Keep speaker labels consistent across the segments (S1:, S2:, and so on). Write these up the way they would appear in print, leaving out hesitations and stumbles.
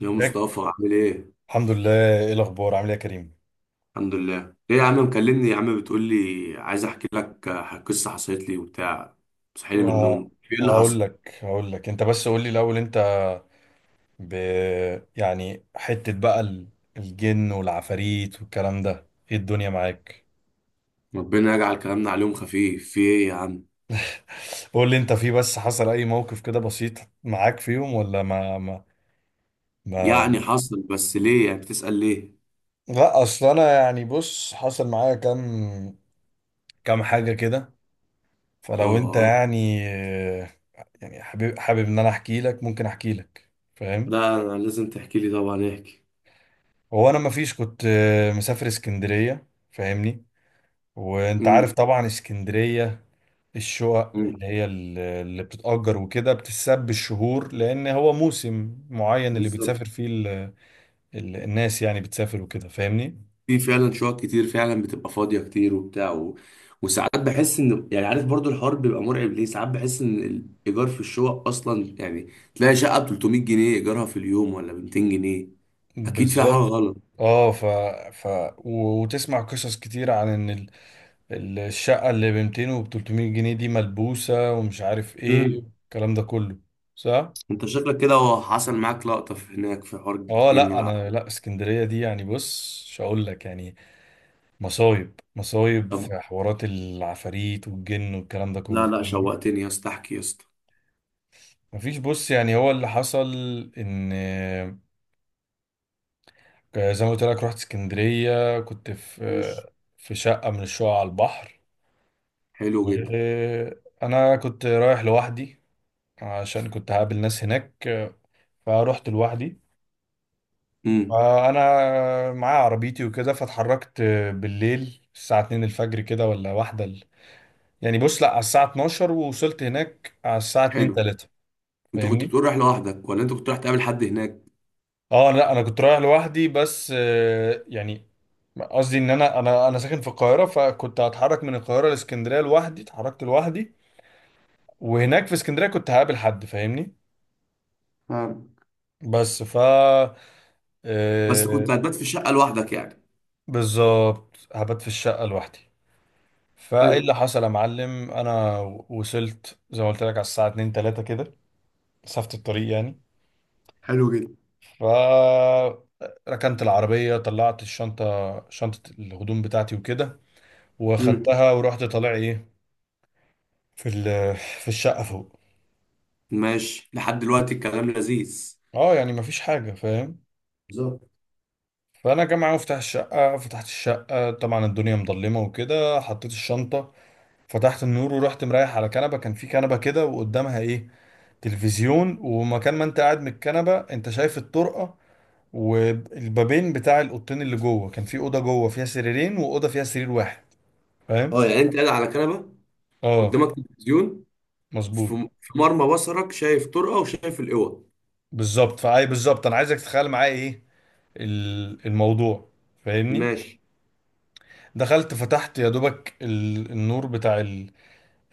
S1: يا
S2: ياك-
S1: مصطفى عامل ايه؟
S2: الحمد لله. ايه الاخبار، عامل ايه يا كريم؟
S1: الحمد لله. ايه يا عم، مكلمني يا عم بتقول لي عايز احكي لك قصة حصلت لي وبتاع، صحيني من
S2: والله ه-
S1: النوم، في ايه اللي
S2: هقول
S1: حصل؟
S2: لك هقول لك انت بس قول لي الاول انت ب... يعني حتة بقى الجن والعفاريت والكلام ده، ايه الدنيا معاك؟
S1: ربنا يجعل كلامنا عليهم خفيف، في ايه يا عم؟
S2: قول لي انت، في بس حصل اي موقف كده بسيط معاك فيهم ولا ما...
S1: يعني حصل، بس ليه يعني بتسأل ليه؟
S2: لا، اصل انا يعني بص، حصل معايا كام حاجة كده،
S1: اه
S2: فلو انت
S1: اه.
S2: يعني يعني حابب ان انا احكي لك، ممكن احكي لك؟ فاهم؟
S1: ده انا لازم تحكي لي، طبعا احكي.
S2: هو انا مفيش كنت مسافر اسكندريه، فاهمني؟ وانت
S1: امم.
S2: عارف طبعا اسكندريه، الشقق
S1: امم،
S2: اللي هي اللي بتتأجر وكده بتتساب بالشهور، لان هو موسم معين اللي
S1: بالظبط.
S2: بتسافر فيه ال الناس، يعني بتسافر وكده، فاهمني؟
S1: في فعلا شقق كتير فعلا بتبقى فاضية كتير وبتاع وساعات بحس ان يعني عارف برضو الحوار بيبقى مرعب، ليه ساعات بحس ان الايجار في الشقق اصلا يعني تلاقي شقة ب 300 جنيه ايجارها في اليوم، ولا ب 200 جنيه. اكيد فيها حاجة
S2: بالظبط.
S1: غلط.
S2: اه ف ف وتسمع قصص كتير عن ان الشقه اللي ب 200 و 300 جنيه دي ملبوسه ومش عارف ايه،
S1: امم،
S2: الكلام ده كله. صح.
S1: انت شكلك كده هو حصل معاك لقطة في هناك في حوار
S2: اه
S1: جن
S2: لا انا، لا
S1: والعافية.
S2: اسكندريه دي يعني بص، مش هقول لك يعني مصايب مصايب
S1: طب
S2: في حوارات العفاريت والجن والكلام ده
S1: لا
S2: كله،
S1: لا،
S2: فاهمني؟
S1: شوقتني يا اسطى، احكي يا اسطى.
S2: مفيش بص، يعني هو اللي حصل ان زي ما قلت لك، رحت اسكندريه كنت في
S1: مش
S2: في شقه من الشقق على البحر.
S1: حلو جدا.
S2: وانا كنت رايح لوحدي عشان كنت هقابل ناس هناك، فروحت لوحدي.
S1: امم.
S2: فانا معايا عربيتي وكده، فاتحركت بالليل الساعه 2 الفجر كده، ولا واحدة، يعني بص لا، على الساعة 12، ووصلت هناك على الساعة 2
S1: حلو.
S2: 3،
S1: انت كنت
S2: فاهمني؟
S1: بتقول رايح لوحدك، ولا انت كنت رايح تقابل حد هناك؟
S2: اه لا انا كنت رايح لوحدي، بس يعني قصدي ان انا انا ساكن في القاهرة، فكنت هتحرك من القاهرة لاسكندرية لوحدي، اتحركت لوحدي، وهناك في اسكندرية كنت هقابل حد، فاهمني؟
S1: آه.
S2: بس ف
S1: بس
S2: آه،
S1: كنت هتبات في الشقة لوحدك يعني.
S2: بالظبط، هبات في الشقة لوحدي. فايه
S1: حلو.
S2: اللي حصل يا معلم؟ انا وصلت زي ما قلت لك على الساعة 2 3 كده، مسافة الطريق يعني.
S1: حلو جدا.
S2: فركنت العربية، طلعت الشنطة، شنطة الهدوم بتاعتي وكده،
S1: امم.
S2: واخدتها ورحت طالع ايه في في الشقة فوق.
S1: ماشي، لحد دلوقتي الكلام لذيذ.
S2: اه يعني مفيش حاجة، فاهم.
S1: بالظبط.
S2: فانا جامعة مفتاح الشقة، فتحت الشقة، طبعا الدنيا مظلمة وكده، حطيت الشنطة، فتحت النور ورحت مريح على كنبة، كان في كنبة كده وقدامها ايه، تلفزيون، ومكان ما انت قاعد من الكنبة انت شايف الطرقة والبابين بتاع الاوضتين اللي جوه. كان في اوضه جوه فيها سريرين واوضه فيها سرير واحد، فاهم؟
S1: اه يعني انت قاعد على كنبه،
S2: اه
S1: قدامك تلفزيون،
S2: مظبوط.
S1: في في مرمى بصرك شايف طرقه وشايف الاوض.
S2: بالظبط، بالظبط انا عايزك تتخيل معايا ايه الموضوع، فاهمني؟
S1: ماشي.
S2: دخلت فتحت يا دوبك النور بتاع ال...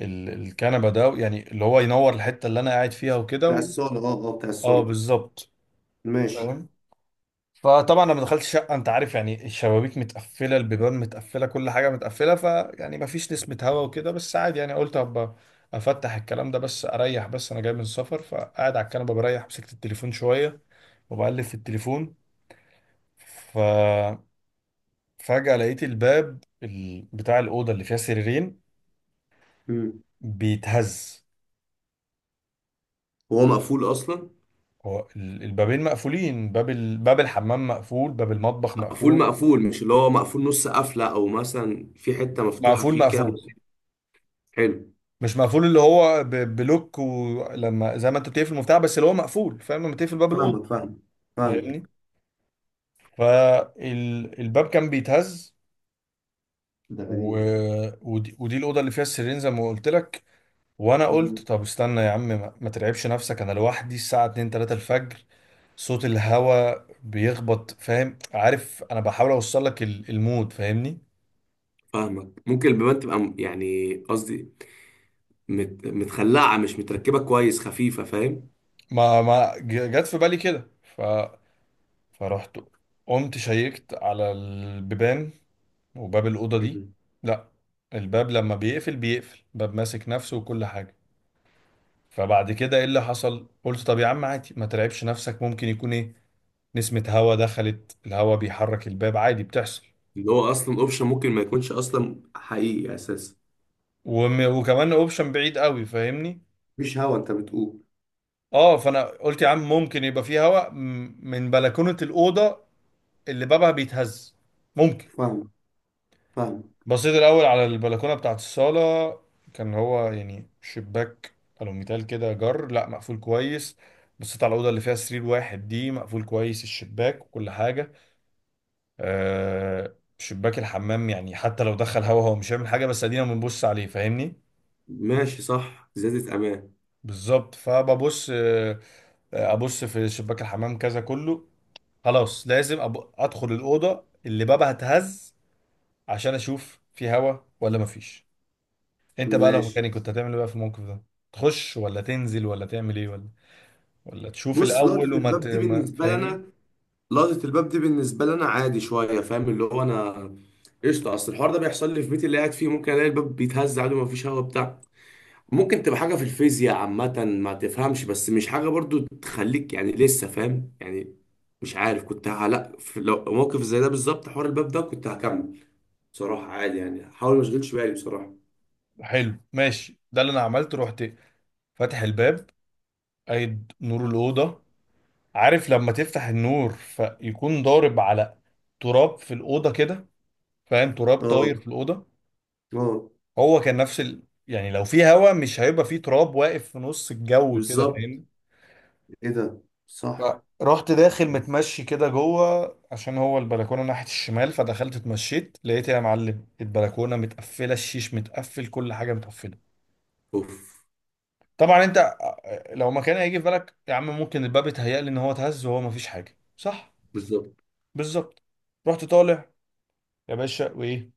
S2: ال... الكنبه ده، يعني اللي هو ينور الحته اللي انا قاعد فيها وكده
S1: بتاع الصاله، اه اه بتاع
S2: اه
S1: الصاله.
S2: بالظبط،
S1: ماشي.
S2: فاهم. فطبعا لما دخلت الشقه، انت عارف يعني الشبابيك متقفله، البيبان متقفله، كل حاجه متقفله، فيعني مفيش نسمه هوا وكده، بس عادي يعني، قلت هبقى افتح الكلام ده بس، اريح بس، انا جاي من السفر. فقاعد على الكنبه بريح، مسكت التليفون شويه وبقلب في التليفون، ففجأة لقيت الباب بتاع الأوضة اللي فيها سريرين
S1: امم.
S2: بيتهز.
S1: هو مقفول اصلا؟
S2: هو البابين مقفولين، باب باب الحمام مقفول، باب المطبخ
S1: مقفول
S2: مقفول،
S1: مقفول؟ مش اللي هو مقفول نص قفله، او مثلا في حته مفتوحه
S2: مقفول
S1: فيه كده.
S2: مقفول.
S1: حلو.
S2: مش مقفول اللي هو بلوك، ولما زي ما انت بتقفل المفتاح بس، اللي هو مقفول، فاهم؟ لما تقفل باب الأوضة،
S1: فاهمك فاهمك.
S2: فاهمني؟
S1: فاهمك.
S2: فالباب كان بيتهز
S1: ده
S2: و...
S1: غريب.
S2: ودي الأوضة اللي فيها السريرين زي ما قلت لك. وانا قلت،
S1: مم.
S2: طب استنى يا عم، ما ما ترعبش نفسك، انا لوحدي الساعة 2 3 الفجر، صوت الهوا بيخبط، فاهم؟ عارف انا بحاول اوصل لك المود، فاهمني؟
S1: فاهمك، ممكن البيبان تبقى يعني قصدي متخلعه، مش متركبه كويس، خفيفه، فاهم؟
S2: ما ما ج- جت في بالي كده، فرحت قمت شيكت على البيبان وباب الاوضه دي، لا، الباب لما بيقفل بيقفل، باب ماسك نفسه وكل حاجه. فبعد كده، ايه اللي حصل؟ قلت طب يا عم عادي، ما ترعبش نفسك، ممكن يكون ايه، نسمة هوا دخلت، الهوا بيحرك الباب، عادي بتحصل.
S1: اللي هو اصلا اوبشن ممكن ما يكونش اصلا حقيقي اساسا.
S2: وكمان اوبشن بعيد قوي، فاهمني؟
S1: مش هوا انت بتقول؟
S2: اه، فانا قلت يا عم، ممكن يبقى فيه هواء من بلكونه الاوضه اللي بابها بيتهز، ممكن.
S1: فاهم فاهم.
S2: بصيت الاول على البلكونه بتاعت الصاله، كان هو يعني شباك الوميتال كده جر، لا مقفول كويس. بصيت على الاوضه اللي فيها سرير واحد دي، مقفول كويس الشباك وكل حاجه. آه شباك الحمام يعني حتى لو دخل هوا هو مش هيعمل حاجه، بس ادينا بنبص عليه، فاهمني؟
S1: ماشي صح، زيادة امان.
S2: بالظبط. فببص ابص في شباك الحمام كذا كله. خلاص لازم ادخل الاوضه اللي بابها اتهز عشان اشوف في هوا ولا مفيش. انت بقى لو
S1: ماشي.
S2: مكاني كنت هتعمل ايه بقى في الموقف ده؟ تخش ولا تنزل ولا تعمل ايه، ولا ولا تشوف
S1: بص
S2: الاول
S1: لقطة
S2: وما ت...
S1: الباب دي
S2: ما...
S1: بالنسبة
S2: فاهمني؟
S1: لنا، لقطة الباب دي بالنسبة لنا عادي شوية، فاهم اللي هو أنا قشطة. أصل الحوار ده بيحصل لي في بيتي اللي قاعد فيه، ممكن ألاقي الباب بيتهز عادي ومفيش هوا بتاع ممكن تبقى حاجة في الفيزياء عامة ما تفهمش، بس مش حاجة برضو تخليك يعني لسه فاهم يعني. مش عارف، كنت لا، في لو موقف زي ده بالظبط حوار الباب ده كنت هكمل بصراحة عادي يعني، حاول ما اشغلش بالي بصراحة.
S2: حلو ماشي، ده اللي انا عملته. رحت فاتح الباب، قايد نور الاوضه. عارف لما تفتح النور فيكون ضارب على تراب في الاوضه كده، فاهم؟ تراب طاير في
S1: اه.
S2: الاوضه.
S1: اه.
S2: هو كان نفس يعني لو في هوا مش هيبقى في تراب واقف في نص الجو كده،
S1: بالظبط.
S2: فاهمني؟
S1: ايه ده؟ صح.
S2: فرحت داخل متمشي كده جوه، عشان هو البلكونه ناحيه الشمال. فدخلت اتمشيت لقيت يا معلم البلكونه متقفله، الشيش متقفل، كل حاجه متقفله.
S1: اوف.
S2: طبعا انت لو مكان هيجي في بالك يا عم، ممكن الباب اتهيأ لي ان هو اتهز وهو مفيش حاجه، صح؟
S1: بالظبط.
S2: بالظبط. رحت طالع يا باشا، وايه،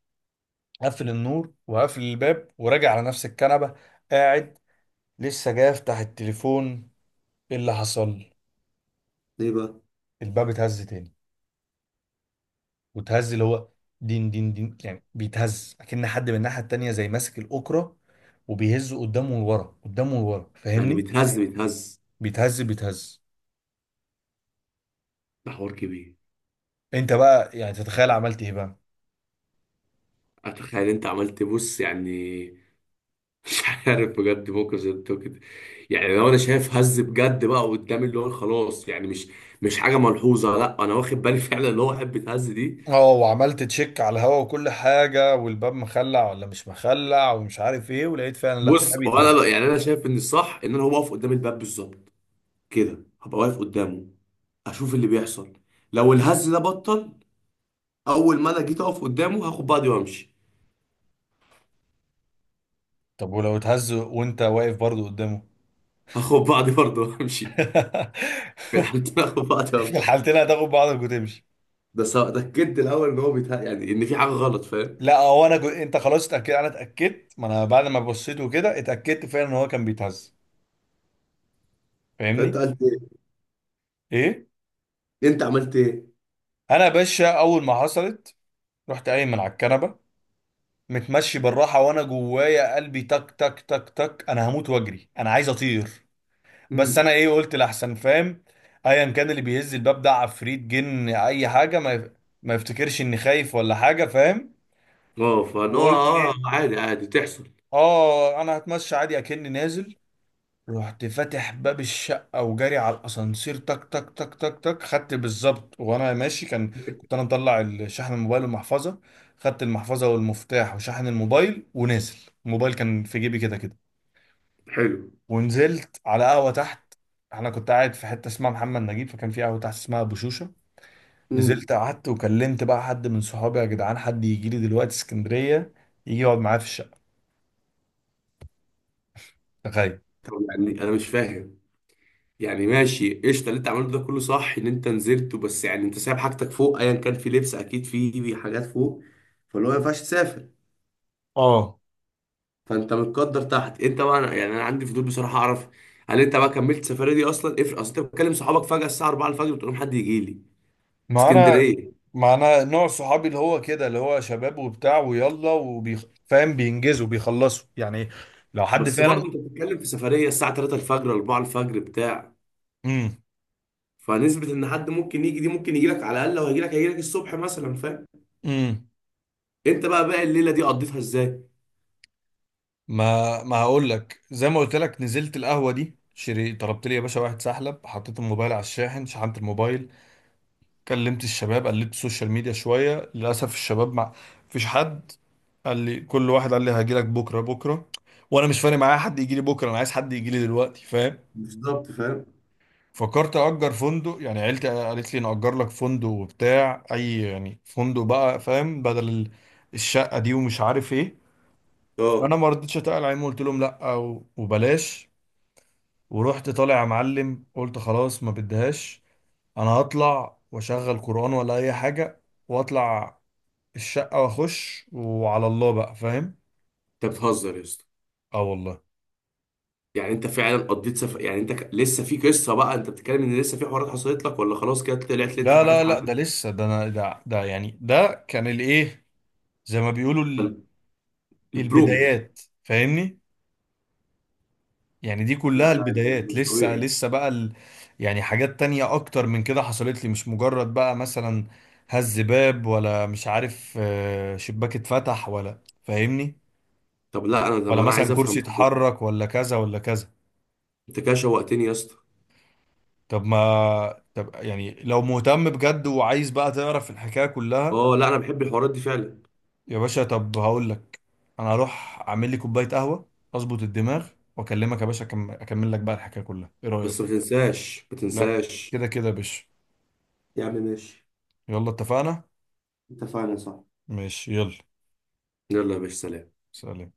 S2: قفل النور وقفل الباب وراجع على نفس الكنبه. قاعد لسه جاي افتح التليفون، ايه اللي حصل؟
S1: ليه بقى؟
S2: الباب اتهز تاني، وتهز اللي هو دين دين دين، يعني بيتهز اكن حد من الناحيه التانيه زي ماسك الاوكرة وبيهزه قدامه لورا قدامه لورا،
S1: يعني
S2: فاهمني؟
S1: بيتهز بيتهز؟
S2: بيتهز بيتهز.
S1: ده حوار كبير.
S2: انت بقى يعني تتخيل عملت ايه بقى؟
S1: اتخيل، انت عملت بص يعني. مش عارف بجد موقف زي ده كده، يعني لو انا شايف هز بجد بقى قدامي اللي هو خلاص يعني مش مش حاجه ملحوظه، لا انا واخد بالي. فعلا اللي هو واحد بيتهز دي.
S2: اه، وعملت تشيك على الهوا وكل حاجه، والباب مخلع ولا مش مخلع ومش عارف ايه، ولقيت فعلا لا ما
S1: بص،
S2: بيتهز.
S1: وانا يعني انا شايف ان الصح ان انا هو واقف قدام الباب بالظبط، كده هبقى واقف قدامه اشوف اللي بيحصل، لو الهز ده بطل اول ما انا جيت اقف قدامه هاخد بعضي وامشي.
S2: طب ولو اتهز وانت واقف برضه قدامه؟
S1: هاخد بعضي برضه وامشي. في الحالتين هاخد بعضي
S2: في
S1: وامشي.
S2: الحالتين هتاخد بعضك وتمشي.
S1: ده سواء اتاكدت الاول ان هو بيتها يعني ان في حاجه غلط، فاهم؟
S2: لا، هو انا انت خلاص اتاكد، انا اتاكدت، ما انا بعد ما بصيت وكده اتاكدت فعلا ان هو كان بيتهز،
S1: فانت
S2: فاهمني؟
S1: قلت ايه؟
S2: ايه،
S1: انت عملت ايه؟
S2: انا يا باشا اول ما حصلت، رحت قايم من على الكنبه، متمشي بالراحه وانا جوايا قلبي تك تك تك تك، انا هموت واجري، انا عايز اطير، بس
S1: امم.
S2: انا ايه قلت؟ لاحسن فاهم، ايا كان اللي بيهز الباب ده، عفريت، جن، اي حاجه، ما يفتكرش اني خايف ولا حاجه، فاهم؟
S1: اه فان هو
S2: وقلت
S1: اه،
S2: ايه،
S1: عادي عادي تحصل.
S2: اه انا هتمشى عادي اكني نازل. رحت فاتح باب الشقة وجاري على الأسانسير تك تك تك تك تك، خدت بالظبط وأنا ماشي كان، كنت أنا مطلع شحن الموبايل والمحفظة، خدت المحفظة والمفتاح وشحن الموبايل ونازل، الموبايل كان في جيبي كده كده.
S1: حلو.
S2: ونزلت على قهوة تحت. أنا كنت قاعد في حتة اسمها محمد نجيب، فكان في قهوة تحت اسمها أبو شوشة.
S1: امم.
S2: نزلت قعدت وكلمت بقى حد من صحابي، يا جدعان حد يجي لي دلوقتي اسكندرية يجي يقعد معايا في الشقة. تخيل.
S1: طب يعني انا مش فاهم، يعني ماشي قشطه اللي انت عملته ده كله صح ان انت نزلت، بس يعني انت سايب حاجتك فوق، ايا كان في لبس اكيد في حاجات فوق، فاللي هو ما ينفعش تسافر.
S2: اه،
S1: فانت متقدر تحت، انت بقى يعني انا عندي فضول بصراحه اعرف هل انت بقى كملت السفريه دي اصلا، افرق. اصل انت بتكلم صحابك فجاه الساعه 4 الفجر بتقول لهم حد يجي لي
S2: ما انا
S1: اسكندريه.
S2: ما انا نوع صحابي اللي هو كده، اللي هو شباب وبتاع ويلا فاهم، بينجزوا بيخلصوا يعني، لو حد
S1: بس برضه
S2: فعلا.
S1: انت بتتكلم في سفريه الساعه 3 الفجر 4 الفجر بتاع
S2: امم
S1: فنسبه ان حد ممكن يجي دي ممكن يجي لك، على الاقل لو هيجي لك هيجي لك الصبح مثلا، فاهم؟
S2: امم
S1: انت بقى باقي الليله دي قضيتها ازاي؟
S2: ما ما هقول لك، زي ما قلت لك نزلت القهوه دي، شري طلبت لي يا باشا واحد سحلب، حطيت الموبايل على الشاحن، شحنت الموبايل، كلمت الشباب، قلبت السوشيال ميديا شويه، للاسف الشباب ما فيش حد، قال لي كل واحد قال لي هاجي لك بكره بكره، وانا مش فارق معايا حد يجي لي بكره، انا عايز حد يجي لي دلوقتي، فاهم؟
S1: بالظبط، فاهم.
S2: فكرت اجر فندق، يعني عيلتي قالت لي نأجر لك فندق وبتاع، اي يعني فندق بقى فاهم، بدل الشقة دي ومش عارف ايه. فانا
S1: اه،
S2: ما رضيتش اتقل عليهم، قلت لهم لا، وبلاش. ورحت طالع يا معلم، قلت خلاص، ما بديهاش، انا هطلع واشغل قرآن ولا اي حاجة واطلع الشقة واخش، وعلى الله بقى، فاهم؟
S1: انت بتهزر يا اسطى؟
S2: اه والله.
S1: يعني انت فعلا قضيت سفر؟ يعني انت لسه في قصه بقى انت بتتكلم ان لسه في حوارات حصلت لك، ولا خلاص كده طلعت لقيت
S2: لا
S1: الحاجات
S2: لا لا،
S1: حل؟
S2: ده لسه، ده انا ده يعني ده كان الايه، زي ما بيقولوا
S1: البرومو.
S2: البدايات، فاهمني؟ يعني دي كلها
S1: لا لا، انت
S2: البدايات،
S1: مش
S2: لسه
S1: طبيعي.
S2: لسه بقى يعني حاجات تانية اكتر من كده حصلت لي، مش مجرد بقى مثلا هز باب، ولا مش عارف شباك اتفتح، ولا فاهمني؟
S1: طب لا انا، طب
S2: ولا
S1: انا عايز
S2: مثلا كرسي
S1: افهم، لا.
S2: اتحرك، ولا كذا ولا كذا.
S1: انت كده شوقتني يا اسطى.
S2: طب ما طب يعني لو مهتم بجد وعايز بقى تعرف الحكاية كلها،
S1: اه لا، انا بحب الحوارات دي فعلا.
S2: يا باشا طب هقول لك، انا هروح اعمل لي كوباية قهوة اظبط الدماغ واكلمك يا باشا، اكمل لك بقى الحكاية كلها، ايه
S1: بس ما
S2: رأيك؟
S1: تنساش ما
S2: لا
S1: تنساش.
S2: كده كده يا باشا،
S1: يا عم ماشي.
S2: يلا اتفقنا.
S1: اتفقنا. صح.
S2: ماشي يلا.
S1: يلا يا باشا سلام.
S2: سلام.